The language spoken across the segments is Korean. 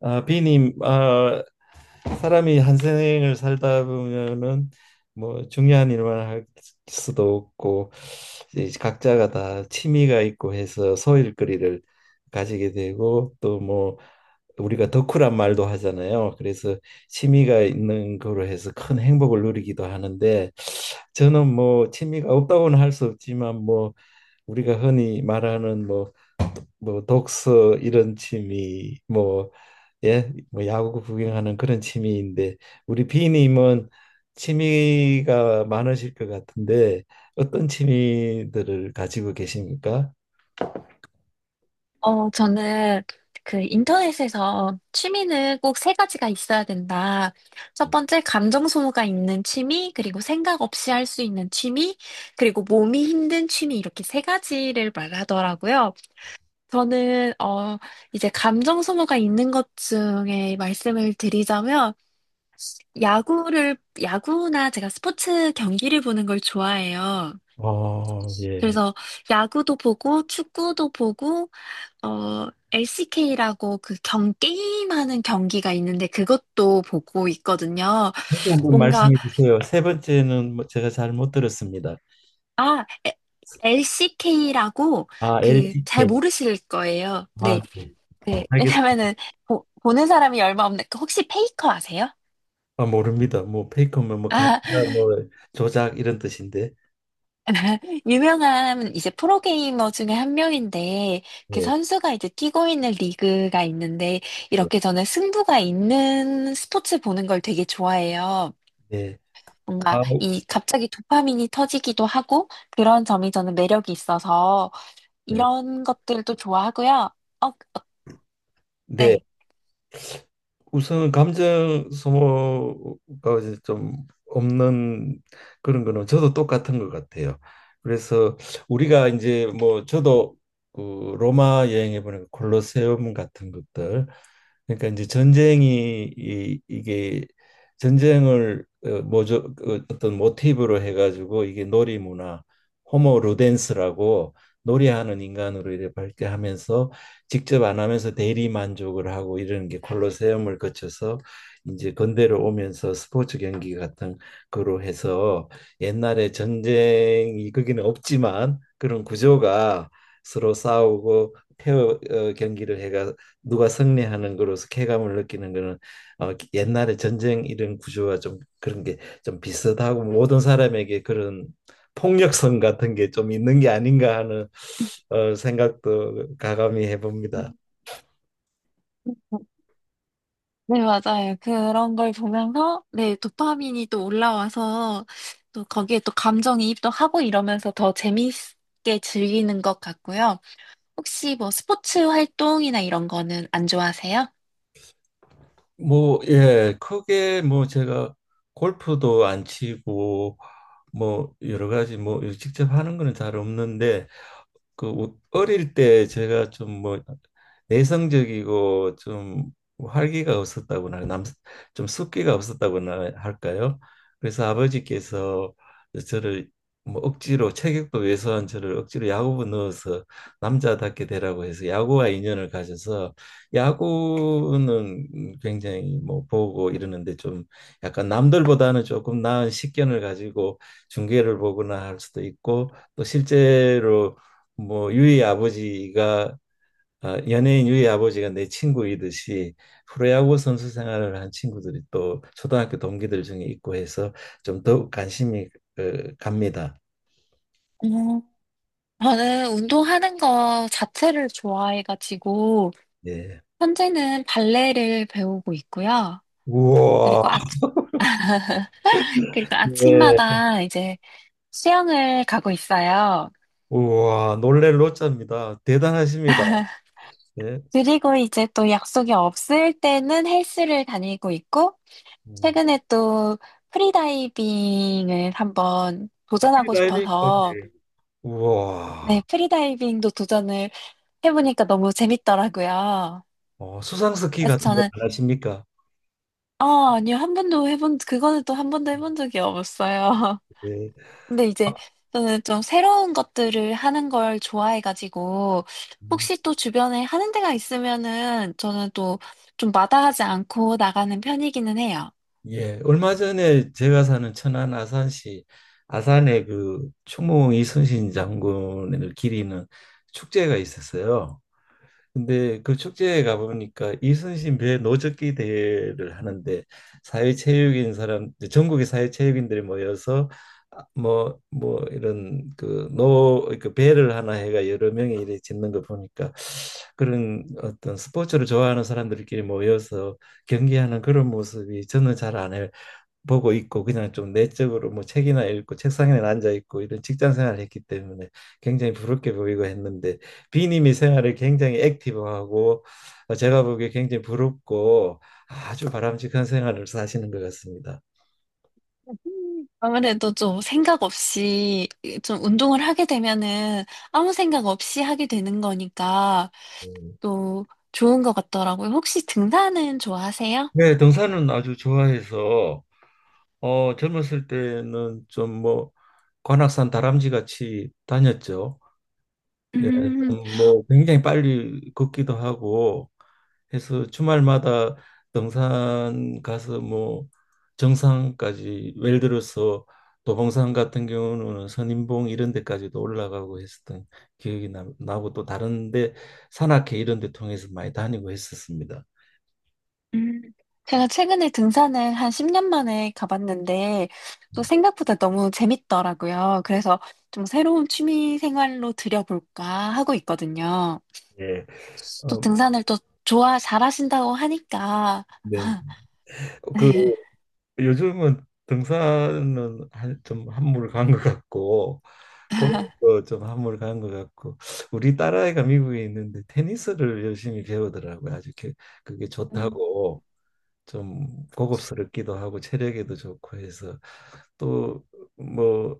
아, 비님, 아, 사람이 한 생을 살다 보면은 중요한 일만 할 수도 없고 이제 각자가 다 취미가 있고 해서 소일거리를 가지게 되고 또 우리가 덕후란 말도 하잖아요. 그래서 취미가 있는 거로 해서 큰 행복을 누리기도 하는데 저는 뭐 취미가 없다고는 할 수 없지만 뭐 우리가 흔히 말하는 뭐 독서 이런 취미 뭐 예, 뭐 야구 구경하는 그런 취미인데 우리 비님은 취미가 많으실 것 같은데 어떤 취미들을 가지고 계십니까? 저는 그 인터넷에서 취미는 꼭 세 가지가 있어야 된다. 첫 번째, 감정 소모가 있는 취미, 그리고 생각 없이 할 수 있는 취미, 그리고 몸이 힘든 취미, 이렇게 세 가지를 말하더라고요. 저는, 이제 감정 소모가 있는 것 중에 말씀을 드리자면, 야구를, 야구나 제가 스포츠 경기를 보는 걸 좋아해요. 어, 예. 그래서 야구도 보고, 축구도 보고, LCK라고 게임하는 경기가 있는데 그것도 보고 있거든요. 다시 한번 뭔가, 말씀해 주세요. 세 번째는 뭐 제가 잘못 들었습니다. 아, LCK라고 아, 그 잘 LTK. 모르실 거예요. 네. 아, 네. 그, 알겠습니다. 왜냐면은 보는 사람이 얼마 없는데 그 혹시 페이커 아세요? 아, 모릅니다. 뭐 페이커면 뭐 가짜 아, 뭐 조작 이런 뜻인데. 유명한 이제 프로게이머 중에 한 명인데 그 네. 선수가 이제 뛰고 있는 리그가 있는데 네. 이렇게 저는 승부가 있는 스포츠 보는 걸 되게 좋아해요. 네. 뭔가 아, 이 갑자기 도파민이 터지기도 하고 그런 점이 저는 매력이 있어서 네. 이런 것들도 좋아하고요. 어, 네. 네. 우선 감정 소모가 이제 좀 없는 그런 거는 저도 똑같은 것 같아요. 그래서 우리가 이제 뭐 저도 그 로마 여행해 보니까 콜로세움 같은 것들, 그러니까 이제 전쟁이 이게 전쟁을 모조 그 어떤 모티브로 해가지고 이게 놀이 문화, 호모 루덴스라고 놀이하는 인간으로 이래 밝게 하면서 직접 안 하면서 대리 만족을 하고, 이런 게 콜로세움을 거쳐서 이제 건대로 오면서 스포츠 경기 같은 거로 해서 옛날에 전쟁이 거기는 없지만 그런 구조가 서로 싸우고 페어 경기를 해가 누가 승리하는 거로서 쾌감을 느끼는 거는 옛날에 전쟁 이런 구조와 좀 그런 게 좀 비슷하고, 모든 사람에게 그런 폭력성 같은 게 좀 있는 게 아닌가 하는 생각도 가감히 음, 해봅니다. 음, 음. 네, 맞아요. 그런 걸 보면서 네, 도파민이 또 올라와서 또 거기에 또 감정이입도 하고 이러면서 더 재미있게 즐기는 것 같고요. 혹시 뭐 스포츠 활동이나 이런 거는 안 좋아하세요? 뭐, 예, 크게 뭐 제가 골프도 안 치고 뭐 여러 가지 뭐 직접 하는 거는 잘 없는데 그 뭐 어릴 때 제가 좀 뭐 내성적이고 좀 활기가 없었다고나 남좀 숫기가 없었다고나 할까요? 그래서 아버지께서 저를 뭐 억지로, 체격도 왜소한 저를 억지로 야구부 넣어서 남자답게 되라고 해서 야구와 인연을 가져서 야구는 굉장히 뭐 보고 이러는데 좀 약간 남들보다는 조금 나은 식견을 가지고 중계를 보거나 할 수도 있고, 또 실제로 뭐 유의 아버지가, 아, 연예인 유의 아버지가 내 친구이듯이 프로야구 선수 생활을 한 친구들이 또 초등학교 동기들 중에 있고 해서 좀 더욱 관심이 갑니다. 음, 저는 운동하는 거 자체를 좋아해가지고 예. 현재는 발레를 배우고 있고요. 우와, 그리고 아, 그리고 네. 아침마다 이제 수영을 가고 있어요. 우와, 놀랄 노자입니다. 대단하십니다. 예. 그리고 이제 또 약속이 없을 때는 헬스를 다니고 있고, 음. 최근에 또 프리다이빙을 한번 도전하고 프리다이빙까지. 싶어서, 우와, 네, 프리다이빙도 도전을 해보니까 너무 재밌더라고요. 수상 스키 그래서 같은 거 저는, 안 하십니까? 아니요, 그거는 또 한 번도 해본 적이 없어요. 네. 근데 이제 저는 좀 새로운 것들을 하는 걸 좋아해가지고 아, 혹시 또 주변에 하는 데가 있으면은 저는 또 좀 마다하지 않고 나가는 편이기는 해요. 예, 얼마 전에 제가 사는 천안 아산시 아산에 그 총무공 이순신 장군을 기리는 축제가 있었어요. 근데 그 축제에 가보니까 이순신 배 노젓기 대회를 하는데 사회체육인 사람, 전국의 사회체육인들이 모여서 아, 뭐뭐 이런 그 노 그 배를 하나 해가 여러 명이 이렇게 짓는 거 보니까 그런 어떤 스포츠를 좋아하는 사람들끼리 모여서 경기하는 그런 모습이 저는 잘 안 해요. 보고 있고 그냥 좀 내적으로 뭐 책이나 읽고 책상에 앉아 있고 이런 직장 생활을 했기 때문에 굉장히 부럽게 보이고 했는데, 비님이 생활을 굉장히 액티브하고 제가 보기에 굉장히 부럽고 아주 바람직한 생활을 사시는 것 같습니다. 아무래도 좀 생각 없이 좀 운동을 하게 되면은 아무 생각 없이 하게 되는 거니까 음. 또 좋은 것 같더라고요. 혹시 등산은 좋아하세요? 네, 등산은 아주 좋아해서 어 젊었을 때는 좀 뭐 관악산 다람쥐 같이 다녔죠. 예, 음, 좀뭐 굉장히 빨리 걷기도 하고 해서 주말마다 등산 가서 뭐 정상까지, 예를 들어서 도봉산 같은 경우는 선인봉 이런 데까지도 올라가고 했었던 기억이 나고 또 다른 데 산악회 이런 데 통해서 많이 다니고 했었습니다. 음, 제가 최근에 등산을 한 10년 만에 가봤는데, 또 생각보다 너무 재밌더라고요. 그래서 좀 새로운 취미 생활로 들여볼까 하고 있거든요. 예. 또 어, 등산을 또 잘하신다고 하니까. 네. 그 네. 요즘은 등산은 한, 좀 한물 간 것 같고 골프도 좀 한물 간 것 같고 우리 딸아이가 미국에 있는데 테니스를 열심히 배우더라고요. 아주 게- 그게 음. 좋다고. 좀 고급스럽기도 하고 체력에도 좋고 해서 또뭐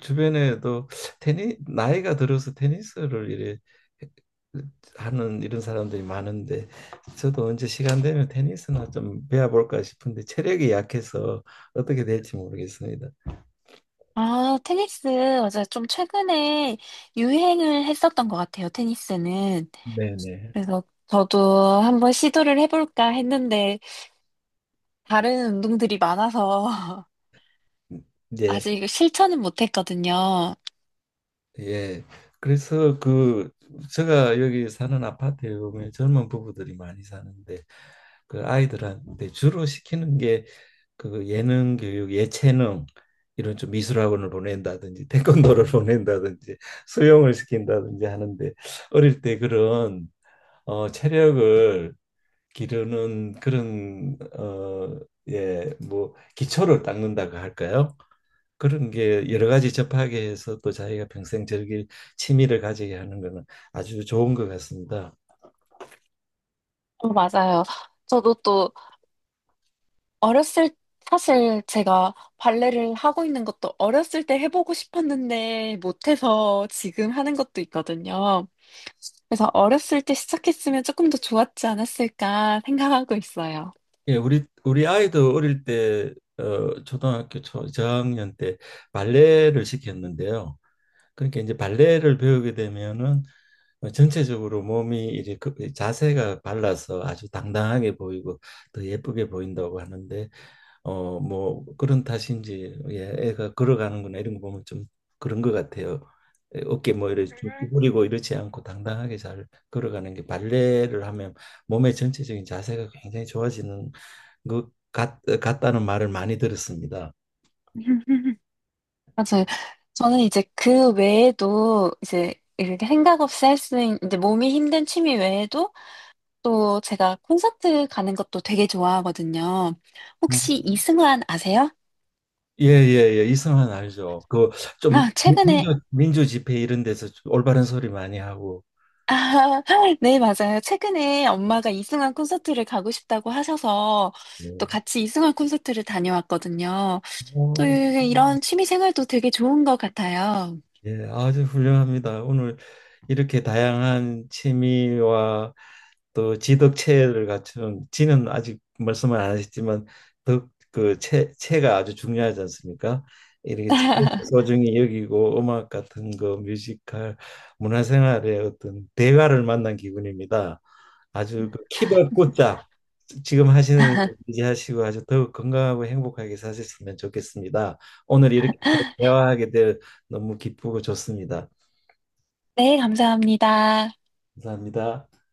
주변에도 테니 나이가 들어서 테니스를 이래 하는 이런 사람들이 많은데 저도 언제 시간 되면 테니스나 좀 배워볼까 싶은데 체력이 약해서 어떻게 될지 모르겠습니다. 아, 테니스, 맞아요. 좀 최근에 유행을 했었던 것 같아요, 테니스는. 네네. 그래서 저도 한번 시도를 해볼까 했는데, 다른 운동들이 많아서 예. 아직 실천은 못했거든요. 예. 그래서 그 제가 여기 사는 아파트에 보면 젊은 부부들이 많이 사는데 그 아이들한테 주로 시키는 게 그 예능 교육, 예체능 이런 좀 미술학원을 보낸다든지 태권도를 보낸다든지 수영을 시킨다든지 하는데 어릴 때 그런 어 체력을 기르는 그런 어예뭐 기초를 닦는다고 할까요? 그런 게 여러 가지 접하게 해서 또 자기가 평생 즐길 취미를 가지게 하는 거는 아주 좋은 것 같습니다. 어, 맞아요. 저도 또 어렸을 사실 제가 발레를 하고 있는 것도 어렸을 때 해보고 싶었는데 못해서 지금 하는 것도 있거든요. 그래서 어렸을 때 시작했으면 조금 더 좋았지 않았을까 생각하고 있어요. 예, 우리 아이도 어릴 때 초등학교 초 저학년 때 발레를 시켰는데요. 그러니까 이제 발레를 배우게 되면은 전체적으로 몸이 이렇게 그- 자세가 발라서 아주 당당하게 보이고 더 예쁘게 보인다고 하는데 뭐 그런 탓인지 예, 애가 걸어가는구나 이런 거 보면 좀 그런 것 같아요. 에, 어깨 뭐 이렇게 쭉 구부리고 이렇지 않고 당당하게 잘 걸어가는 게 발레를 하면 몸의 전체적인 자세가 굉장히 좋아지는 것 같다는 말을 많이 들었습니다. 맞아요. 저는 이제 그 외에도 이제 이렇게 생각 없이 할 수 있는 이제 몸이 힘든 취미 외에도 또 제가 콘서트 가는 것도 되게 좋아하거든요. 혹시 이승환 아세요? 예예예 이성환 알죠. 그 좀 아, 최근에, 민주 집회 이런 데서 좀 올바른 소리 많이 하고. 아, 네, 맞아요. 최근에 엄마가 이승환 콘서트를 가고 싶다고 하셔서 또 네. 같이 이승환 콘서트를 다녀왔거든요. 또 어, 이런 취미 생활도 되게 좋은 것 같아요. 예, 오, 예, 아주 훌륭합니다. 오늘 이렇게 다양한 취미와 또 지덕체를 갖춘 지는 아직 말씀을 안 하셨지만 덕그체 체가 아주 중요하지 않습니까? 이렇게 체를 소중히 여기고 음악 같은 거 뮤지컬 문화생활의 어떤 대가를 만난 기분입니다. 아주 그 키발 꽂자 지금 하시는 일 유지하시고 아주 더욱 건강하고 행복하게 사셨으면 좋겠습니다. 오늘 이렇게 서로 대화하게 될 너무 기쁘고 좋습니다. 네, 감사합니다. 감사합니다.